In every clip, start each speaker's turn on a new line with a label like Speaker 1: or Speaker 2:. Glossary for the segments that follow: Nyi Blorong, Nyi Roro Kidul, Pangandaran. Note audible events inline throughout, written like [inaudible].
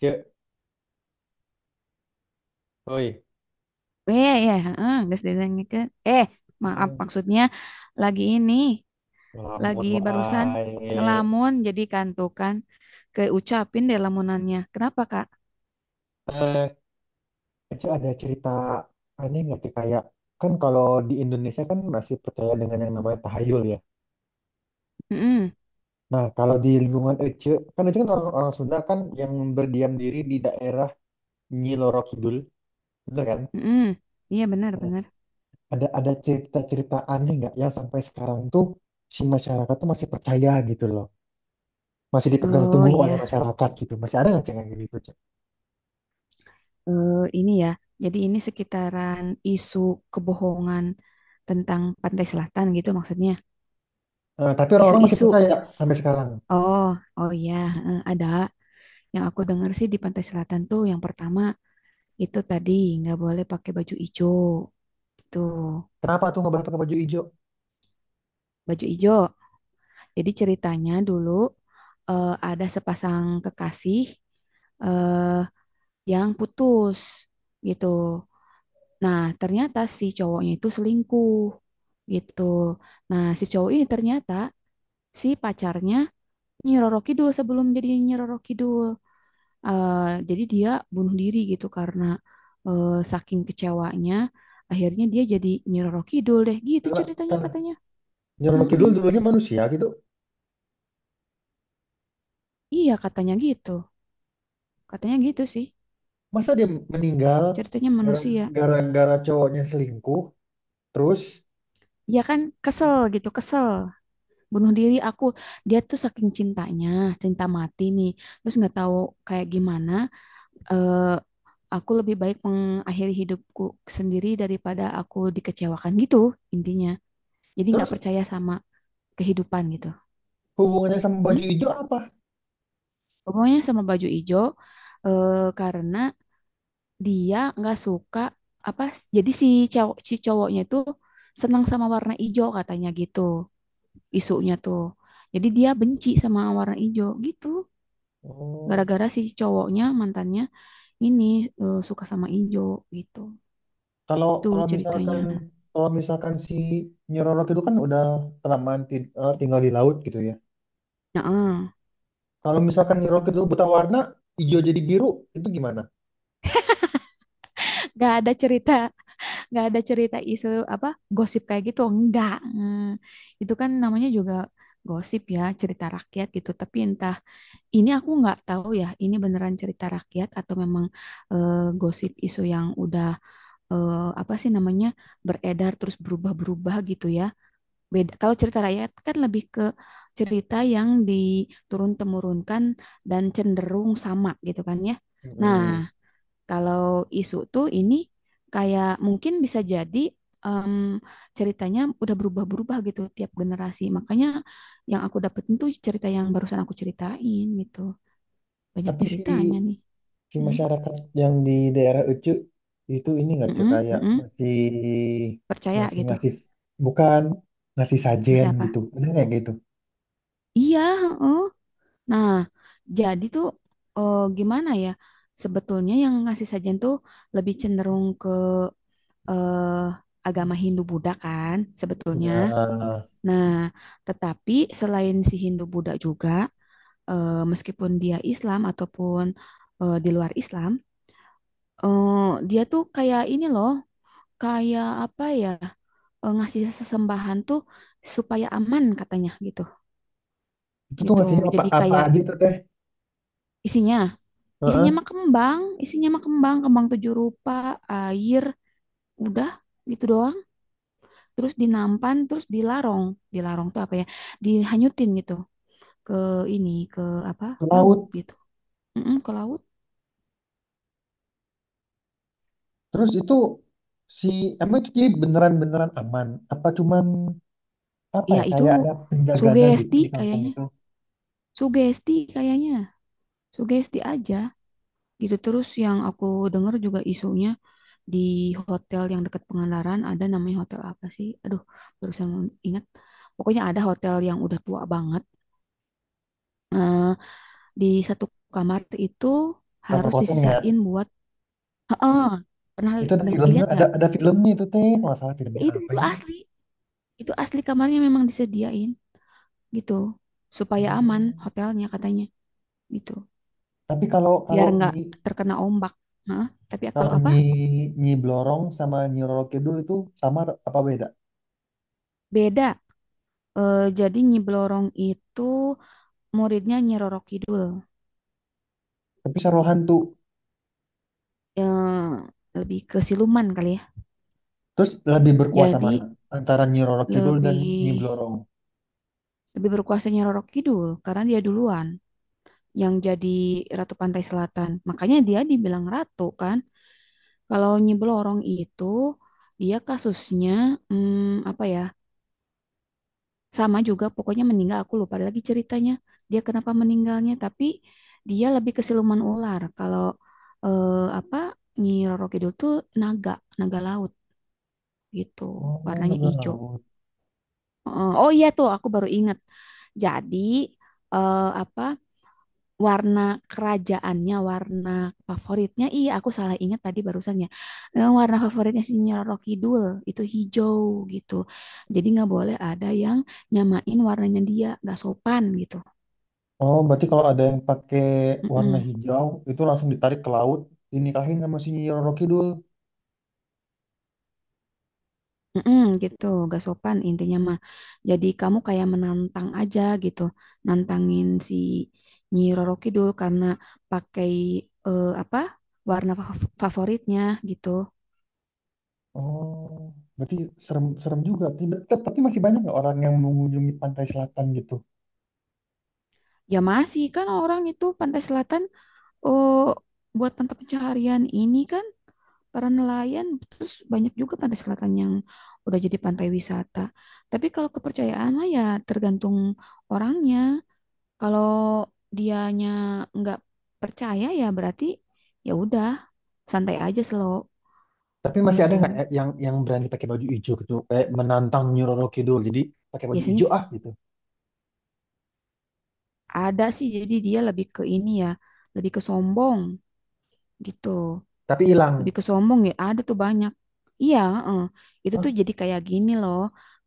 Speaker 1: Cek, oi,
Speaker 2: Iya, iya, iya, heeh, geus didenengkeun. Maaf,
Speaker 1: Hmm,
Speaker 2: maksudnya lagi ini, lagi
Speaker 1: ngelamun
Speaker 2: barusan
Speaker 1: wae.
Speaker 2: ngelamun jadi kantukan keucapin deh lamunannya. Kenapa, Kak?
Speaker 1: Eh, Cek ada cerita aneh nggak sih kayak kan kalau di Indonesia kan masih percaya dengan yang namanya tahayul ya.
Speaker 2: Heeh,
Speaker 1: Nah kalau di lingkungan Ece kan orang-orang Sunda kan yang berdiam diri di daerah Nyi Loro Kidul, bener kan?
Speaker 2: heeh. Iya, benar,
Speaker 1: Nah,
Speaker 2: benar.
Speaker 1: ada cerita-cerita aneh nggak yang sampai sekarang tuh si masyarakat tuh masih percaya gitu loh, masih dipegang
Speaker 2: Oh,
Speaker 1: teguh oleh
Speaker 2: iya.
Speaker 1: masyarakat gitu, masih ada nggak Cek, yang gitu Cek?
Speaker 2: Ini ya. Jadi ini sekitaran isu kebohongan tentang Pantai Selatan gitu maksudnya.
Speaker 1: Tapi orang-orang masih
Speaker 2: Isu-isu.
Speaker 1: percaya sampai sekarang.
Speaker 2: Oh, oh iya, heeh, ada. Yang aku dengar sih di Pantai Selatan tuh yang pertama itu tadi nggak boleh pakai baju hijau. Gitu.
Speaker 1: Kenapa tuh nggak boleh pakai baju hijau?
Speaker 2: Baju hijau. Jadi ceritanya dulu ada sepasang kekasih eh yang putus gitu. Nah, ternyata si cowoknya itu selingkuh gitu. Nah, si cowok ini ternyata si pacarnya Nyi Roro Kidul sebelum jadi Nyi Roro Kidul. Eh, jadi dia bunuh diri gitu karena eh, saking kecewanya, akhirnya dia jadi Nyi Roro Kidul deh, gitu
Speaker 1: Karena
Speaker 2: ceritanya
Speaker 1: ter-
Speaker 2: katanya.
Speaker 1: Nyeroro
Speaker 2: Mm-mm.
Speaker 1: Kidul dulunya manusia gitu.
Speaker 2: Iya katanya gitu sih,
Speaker 1: Masa dia meninggal
Speaker 2: ceritanya
Speaker 1: gara-
Speaker 2: manusia.
Speaker 1: gara-gara cowoknya selingkuh? Terus
Speaker 2: Ya kan kesel gitu, kesel, bunuh diri aku. Dia tuh saking cintanya, cinta mati nih, terus nggak tahu kayak gimana. eh aku lebih baik mengakhiri hidupku sendiri daripada aku dikecewakan gitu intinya. Jadi
Speaker 1: terus
Speaker 2: nggak percaya sama kehidupan gitu.
Speaker 1: hubungannya sama
Speaker 2: Hmm?
Speaker 1: baju hijau apa?
Speaker 2: Pokoknya sama baju ijo, eh, karena dia nggak suka apa, jadi si cowok si cowoknya itu senang sama warna ijo katanya gitu isunya tuh. Jadi dia benci sama warna ijo gitu.
Speaker 1: Oh,
Speaker 2: Gara-gara si cowoknya mantannya ini suka sama ijo gitu.
Speaker 1: kalau
Speaker 2: Itu ceritanya.
Speaker 1: kalau misalkan si Nyeroro Kidul kan udah kelamaan tinggal di laut gitu ya.
Speaker 2: Nah,
Speaker 1: Kalau misalkan Nyeroro Kidul buta warna, hijau jadi biru, itu gimana?
Speaker 2: nggak ada cerita, nggak ada cerita isu apa gosip kayak gitu. Enggak. Itu kan namanya juga gosip ya, cerita rakyat gitu. Tapi entah, ini aku nggak tahu ya, ini beneran cerita rakyat atau memang eh, gosip isu yang udah apa sih namanya, beredar terus berubah-berubah gitu ya. Beda. Kalau cerita rakyat kan lebih ke cerita yang diturun-temurunkan dan cenderung sama gitu kan ya. Nah,
Speaker 1: Hmm.
Speaker 2: kalau isu tuh ini kayak mungkin bisa jadi em, ceritanya udah berubah-berubah gitu tiap generasi. Makanya yang aku dapetin tuh cerita yang barusan aku ceritain gitu, banyak
Speaker 1: Tapi si
Speaker 2: ceritanya nih.
Speaker 1: si
Speaker 2: Hmm,
Speaker 1: masyarakat yang di daerah Ucu itu ini nggak cuy
Speaker 2: mm-mm,
Speaker 1: kayak
Speaker 2: mm-mm.
Speaker 1: masih
Speaker 2: Percaya
Speaker 1: masih
Speaker 2: gitu.
Speaker 1: ngasih bukan ngasih sajen
Speaker 2: Masih
Speaker 1: gitu
Speaker 2: apa?
Speaker 1: bener nggak gitu
Speaker 2: Iya, heeh. Nah, jadi tuh gimana ya? Sebetulnya yang ngasih sajian tuh lebih cenderung ke eh, agama Hindu-Buddha kan sebetulnya.
Speaker 1: ya
Speaker 2: Nah, tetapi selain si Hindu-Buddha juga, meskipun dia Islam ataupun di luar Islam, eh, dia tuh kayak ini loh, kayak apa ya? Ngasih sesembahan tuh supaya aman katanya gitu,
Speaker 1: itu tuh
Speaker 2: gitu
Speaker 1: ngasihnya apa
Speaker 2: jadi
Speaker 1: apa
Speaker 2: kayak
Speaker 1: aja tuh teh
Speaker 2: isinya, isinya
Speaker 1: Heeh,
Speaker 2: mah kembang, isinya mah kembang, kembang tujuh rupa, air, udah, gitu doang, terus dinampan terus dilarong, dilarong tuh apa ya, dihanyutin gitu ke ini, ke apa,
Speaker 1: ke
Speaker 2: laut
Speaker 1: laut
Speaker 2: gitu. Mm-mm, ke laut.
Speaker 1: terus itu si emang itu jadi beneran beneran aman apa cuman apa
Speaker 2: Ya
Speaker 1: ya
Speaker 2: itu
Speaker 1: kayak ada penjagana gitu
Speaker 2: sugesti
Speaker 1: di kampung
Speaker 2: kayaknya,
Speaker 1: itu
Speaker 2: sugesti kayaknya, sugesti aja gitu. Terus yang aku dengar juga isunya di hotel yang dekat Pangandaran, ada namanya hotel apa sih? Aduh, barusan ingat. Pokoknya ada hotel yang udah tua banget. Eh, di satu kamar itu
Speaker 1: kamar
Speaker 2: harus
Speaker 1: kosongnya
Speaker 2: disisain buat, heeh. Pernah
Speaker 1: itu ada filmnya
Speaker 2: lihat
Speaker 1: ada
Speaker 2: nggak?
Speaker 1: ada filmnya itu teh nggak salah
Speaker 2: Ya
Speaker 1: filmnya apa
Speaker 2: itu
Speaker 1: ya
Speaker 2: asli. Itu asli kamarnya memang disediain gitu. Supaya aman
Speaker 1: Hmm.
Speaker 2: hotelnya katanya gitu.
Speaker 1: Tapi kalau
Speaker 2: Biar
Speaker 1: kalau
Speaker 2: nggak
Speaker 1: ini
Speaker 2: terkena ombak. Hah? Tapi kalau
Speaker 1: kalau
Speaker 2: apa?
Speaker 1: Nyi Nyi Blorong sama Nyi Roro Kidul itu sama apa beda?
Speaker 2: Beda. Jadi Nyi Blorong itu muridnya Nyi Roro Kidul.
Speaker 1: Tapi Saruhan hantu.
Speaker 2: Yang lebih ke siluman kali ya.
Speaker 1: Terus lebih berkuasa mana?
Speaker 2: Jadi
Speaker 1: Antara Nyi Roro Kidul dan Nyi
Speaker 2: lebih,
Speaker 1: Blorong.
Speaker 2: lebih berkuasanya Roro Kidul karena dia duluan yang jadi Ratu Pantai Selatan. Makanya dia dibilang ratu kan. Kalau Nyi Blorong itu dia kasusnya, hmm, apa ya? Sama juga pokoknya meninggal, aku lupa lagi ceritanya. Dia kenapa meninggalnya, tapi dia lebih ke siluman ular. Kalau eh, apa, Nyi Roro Kidul tuh naga, naga laut gitu.
Speaker 1: Oh,
Speaker 2: Warnanya
Speaker 1: naga
Speaker 2: hijau.
Speaker 1: laut.
Speaker 2: Heeh. Oh iya tuh, aku baru ingat. Jadi apa, warna kerajaannya, warna favoritnya? Iya, aku salah ingat tadi barusan ya. Warna favoritnya si Roro Kidul itu hijau gitu. Jadi nggak boleh ada yang nyamain warnanya dia, nggak sopan gitu.
Speaker 1: Oh, berarti kalau ada yang pakai warna
Speaker 2: Mm-mm.
Speaker 1: hijau, itu langsung ditarik ke laut, dinikahin sama si Nyi Roro Kidul.
Speaker 2: Mm-mm, gitu, gak sopan intinya mah. Jadi kamu kayak menantang aja gitu, nantangin si Nyi Roro Kidul karena pakai apa, warna favoritnya gitu.
Speaker 1: Oh, berarti serem, serem juga. Tidak, tapi masih banyak nggak orang yang mengunjungi pantai selatan gitu?
Speaker 2: Ya masih kan orang itu Pantai Selatan, oh buat mata pencaharian ini kan para nelayan, terus banyak juga Pantai Selatan yang udah jadi pantai wisata. Tapi kalau kepercayaan mah ya tergantung orangnya. Kalau dianya nggak percaya ya berarti ya udah, santai aja, slow
Speaker 1: Tapi masih ada nggak
Speaker 2: gitu.
Speaker 1: ya yang berani pakai baju hijau gitu, kayak menantang Nyi Roro Kidul, jadi pakai baju
Speaker 2: Biasanya
Speaker 1: hijau ah gitu.
Speaker 2: ada sih, jadi dia lebih ke ini ya, lebih ke sombong gitu.
Speaker 1: Tapi hilang.
Speaker 2: Lebih ke sombong ya, ada tuh banyak. Iya, heeh. Itu tuh
Speaker 1: Hah?
Speaker 2: jadi kayak gini loh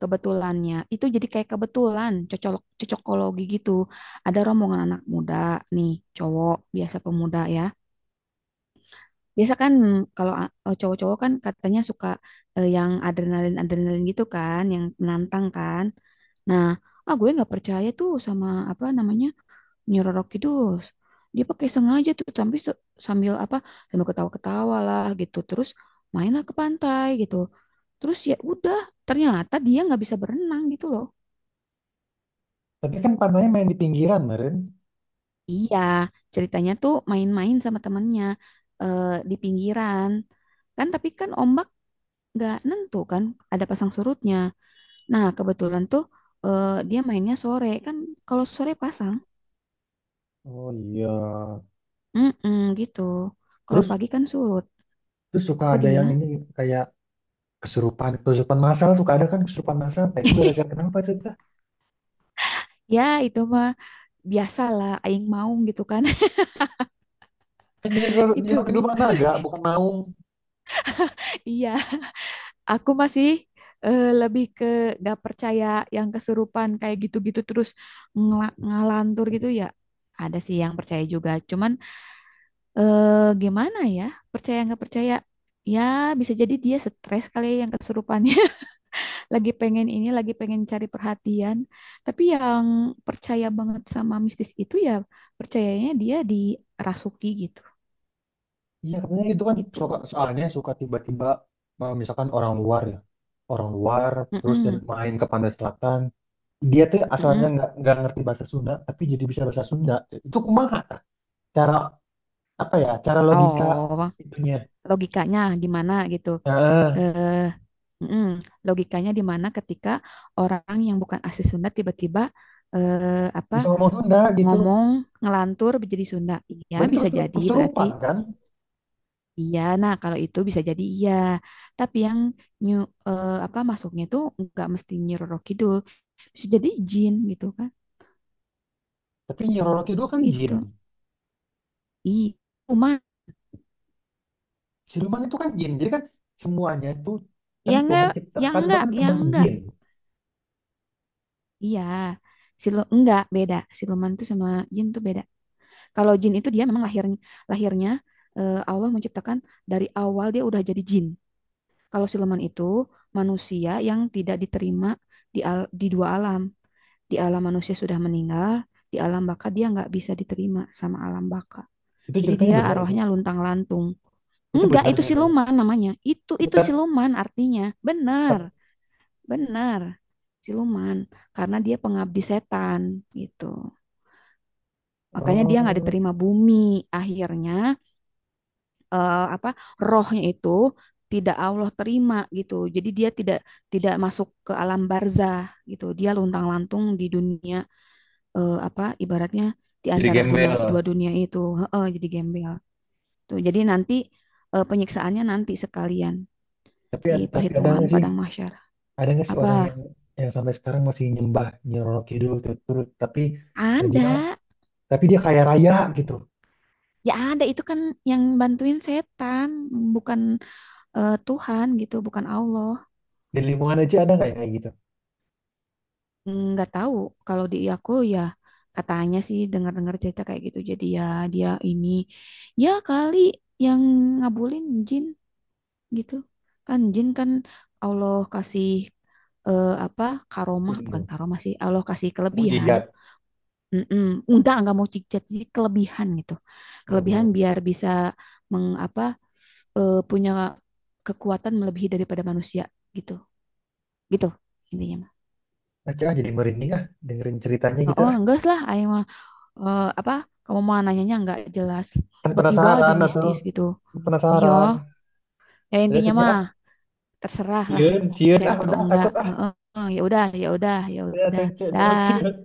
Speaker 2: kebetulannya. Itu jadi kayak kebetulan cocok, cocokologi gitu. Ada rombongan anak muda nih, cowok biasa, pemuda ya. Biasa kan, mm, kalau cowok-cowok kan katanya suka yang adrenalin-adrenalin gitu kan, yang menantang kan. Nah, ah gue nggak percaya tuh sama apa namanya Nyeroro Kidul. Dia pakai sengaja tuh tapi sambil apa, sambil ketawa-ketawa lah gitu. Terus mainlah ke pantai gitu. Terus ya udah, ternyata dia nggak bisa berenang gitu loh.
Speaker 1: Tapi kan pantainya main di pinggiran, Meren.
Speaker 2: Iya, ceritanya tuh main-main sama temennya eh, di pinggiran. Kan tapi kan ombak nggak nentu kan, ada pasang surutnya. Nah, kebetulan tuh dia mainnya sore kan, kalau sore pasang,
Speaker 1: Oh iya.
Speaker 2: mm gitu. Kalau
Speaker 1: Terus
Speaker 2: pagi kan surut.
Speaker 1: terus suka
Speaker 2: Apa
Speaker 1: ada yang
Speaker 2: gimana?
Speaker 1: ini kayak kesurupan, kesurupan masalah suka ada kan kesurupan masalah. Nah, itu gara-gara
Speaker 2: [laughs]
Speaker 1: kenapa itu kita?
Speaker 2: Ya, itu mah biasalah aing maung gitu kan.
Speaker 1: Kan
Speaker 2: [laughs]
Speaker 1: jadi
Speaker 2: Itu.
Speaker 1: kehidupan naga, bukan
Speaker 2: [laughs]
Speaker 1: maung.
Speaker 2: Iya, aku masih lebih ke gak percaya yang kesurupan kayak gitu-gitu terus ngalantur gitu ya. Ada sih yang percaya juga. Cuman eh, gimana ya? Percaya nggak percaya? Ya bisa jadi dia stres kali ya yang kesurupannya. [laughs] Lagi pengen ini, lagi pengen cari perhatian. Tapi yang percaya banget sama mistis itu ya percayanya dia dirasuki gitu.
Speaker 1: Iya katanya gitu kan.
Speaker 2: Gitu.
Speaker 1: Suka soalnya suka tiba-tiba misalkan orang luar ya, orang luar terus dan
Speaker 2: Mm-mm,
Speaker 1: main ke pantai selatan. Dia tuh asalnya
Speaker 2: mm-mm.
Speaker 1: nggak ngerti bahasa Sunda, tapi jadi bisa bahasa Sunda. Itu kumaha? Tah? Cara apa ya? Cara logika
Speaker 2: Oh,
Speaker 1: itunya.
Speaker 2: logikanya gimana gitu?
Speaker 1: Nah,
Speaker 2: Eh, mm-mm. Logikanya di mana ketika orang yang bukan asli Sunda tiba-tiba apa,
Speaker 1: bisa ngomong Sunda gitu.
Speaker 2: ngomong, ngelantur menjadi Sunda. Iya,
Speaker 1: Berarti itu
Speaker 2: bisa jadi berarti
Speaker 1: kesurupan kan?
Speaker 2: iya. Nah, kalau itu bisa jadi iya. Tapi yang nyu, apa, masuknya tuh nggak mesti Nyi Roro Kidul. Bisa jadi jin gitu kan.
Speaker 1: Tapi Nyi Roro Kidul kan jin.
Speaker 2: Gitu. Iya. Cuma
Speaker 1: Siluman itu kan jin. Jadi kan semuanya itu kan
Speaker 2: ya enggak,
Speaker 1: Tuhan
Speaker 2: ya
Speaker 1: ciptakan itu
Speaker 2: enggak,
Speaker 1: kan
Speaker 2: ya
Speaker 1: teman
Speaker 2: enggak.
Speaker 1: jin.
Speaker 2: Iya. Enggak, beda. Siluman tuh sama jin tuh beda. Kalau jin itu dia memang lahirnya, lahirnya Allah menciptakan dari awal dia udah jadi jin. Kalau siluman itu manusia yang tidak diterima di, di dua alam. Di alam manusia sudah meninggal, di alam baka dia nggak bisa diterima sama alam baka.
Speaker 1: Itu
Speaker 2: Jadi
Speaker 1: ceritanya
Speaker 2: dia
Speaker 1: benar itu.
Speaker 2: arwahnya luntang-lantung.
Speaker 1: Itu
Speaker 2: Enggak,
Speaker 1: benar
Speaker 2: itu
Speaker 1: ceritanya.
Speaker 2: siluman namanya.
Speaker 1: Ya,
Speaker 2: Itu
Speaker 1: tap,
Speaker 2: siluman artinya. Benar,
Speaker 1: tap,
Speaker 2: benar. Siluman karena dia pengabdi setan gitu. Makanya dia nggak
Speaker 1: oh,
Speaker 2: diterima bumi. Akhirnya apa, rohnya itu tidak Allah terima gitu. Jadi dia tidak, tidak masuk ke alam barzah gitu. Dia luntang-lantung di dunia, apa, ibaratnya di
Speaker 1: jadi
Speaker 2: antara dunia, dua
Speaker 1: gembel.
Speaker 2: dunia itu. Heeh, jadi gembel. Tuh, jadi nanti penyiksaannya nanti sekalian
Speaker 1: Tapi
Speaker 2: di
Speaker 1: tapi ada
Speaker 2: perhitungan
Speaker 1: nggak sih?
Speaker 2: padang mahsyar.
Speaker 1: Ada nggak sih orang
Speaker 2: Apa?
Speaker 1: yang sampai sekarang masih nyembah Nyi Roro Kidul terus tuh, tapi dia
Speaker 2: Ada.
Speaker 1: tapi dia kaya raya gitu.
Speaker 2: Ya ada itu kan yang bantuin setan, bukan Tuhan gitu, bukan Allah.
Speaker 1: Di lingkungan aja ada nggak yang kayak gitu?
Speaker 2: Nggak tahu, kalau di aku ya katanya sih dengar-dengar cerita kayak gitu jadi ya dia ini ya kali yang ngabulin jin gitu kan, jin kan Allah kasih apa, karomah, bukan
Speaker 1: Ilmu,
Speaker 2: karomah sih, Allah kasih kelebihan.
Speaker 1: mujizat.
Speaker 2: Mm-mm. Enggak mau cicat, jadi kelebihan gitu. Kelebihan
Speaker 1: Oh,
Speaker 2: biar bisa mengapa punya kekuatan melebihi daripada manusia gitu. Gitu intinya mah.
Speaker 1: aja ah, jadi merinding ah dengerin ceritanya
Speaker 2: Oh,
Speaker 1: gitu
Speaker 2: oh,
Speaker 1: ah.
Speaker 2: enggak lah, ayo apa, kamu mau nanyanya nggak jelas,
Speaker 1: Kan
Speaker 2: tiba-tiba aja
Speaker 1: penasaran atau
Speaker 2: mistis gitu. Iya,
Speaker 1: penasaran
Speaker 2: ya
Speaker 1: jadi
Speaker 2: intinya
Speaker 1: tanya
Speaker 2: mah
Speaker 1: ah
Speaker 2: terserah lah,
Speaker 1: sieun sieun
Speaker 2: percaya
Speaker 1: ah
Speaker 2: atau
Speaker 1: udah
Speaker 2: enggak.
Speaker 1: takut ah
Speaker 2: Heeh, ya udah, ya udah, ya
Speaker 1: ya
Speaker 2: udah,
Speaker 1: tanya
Speaker 2: dah.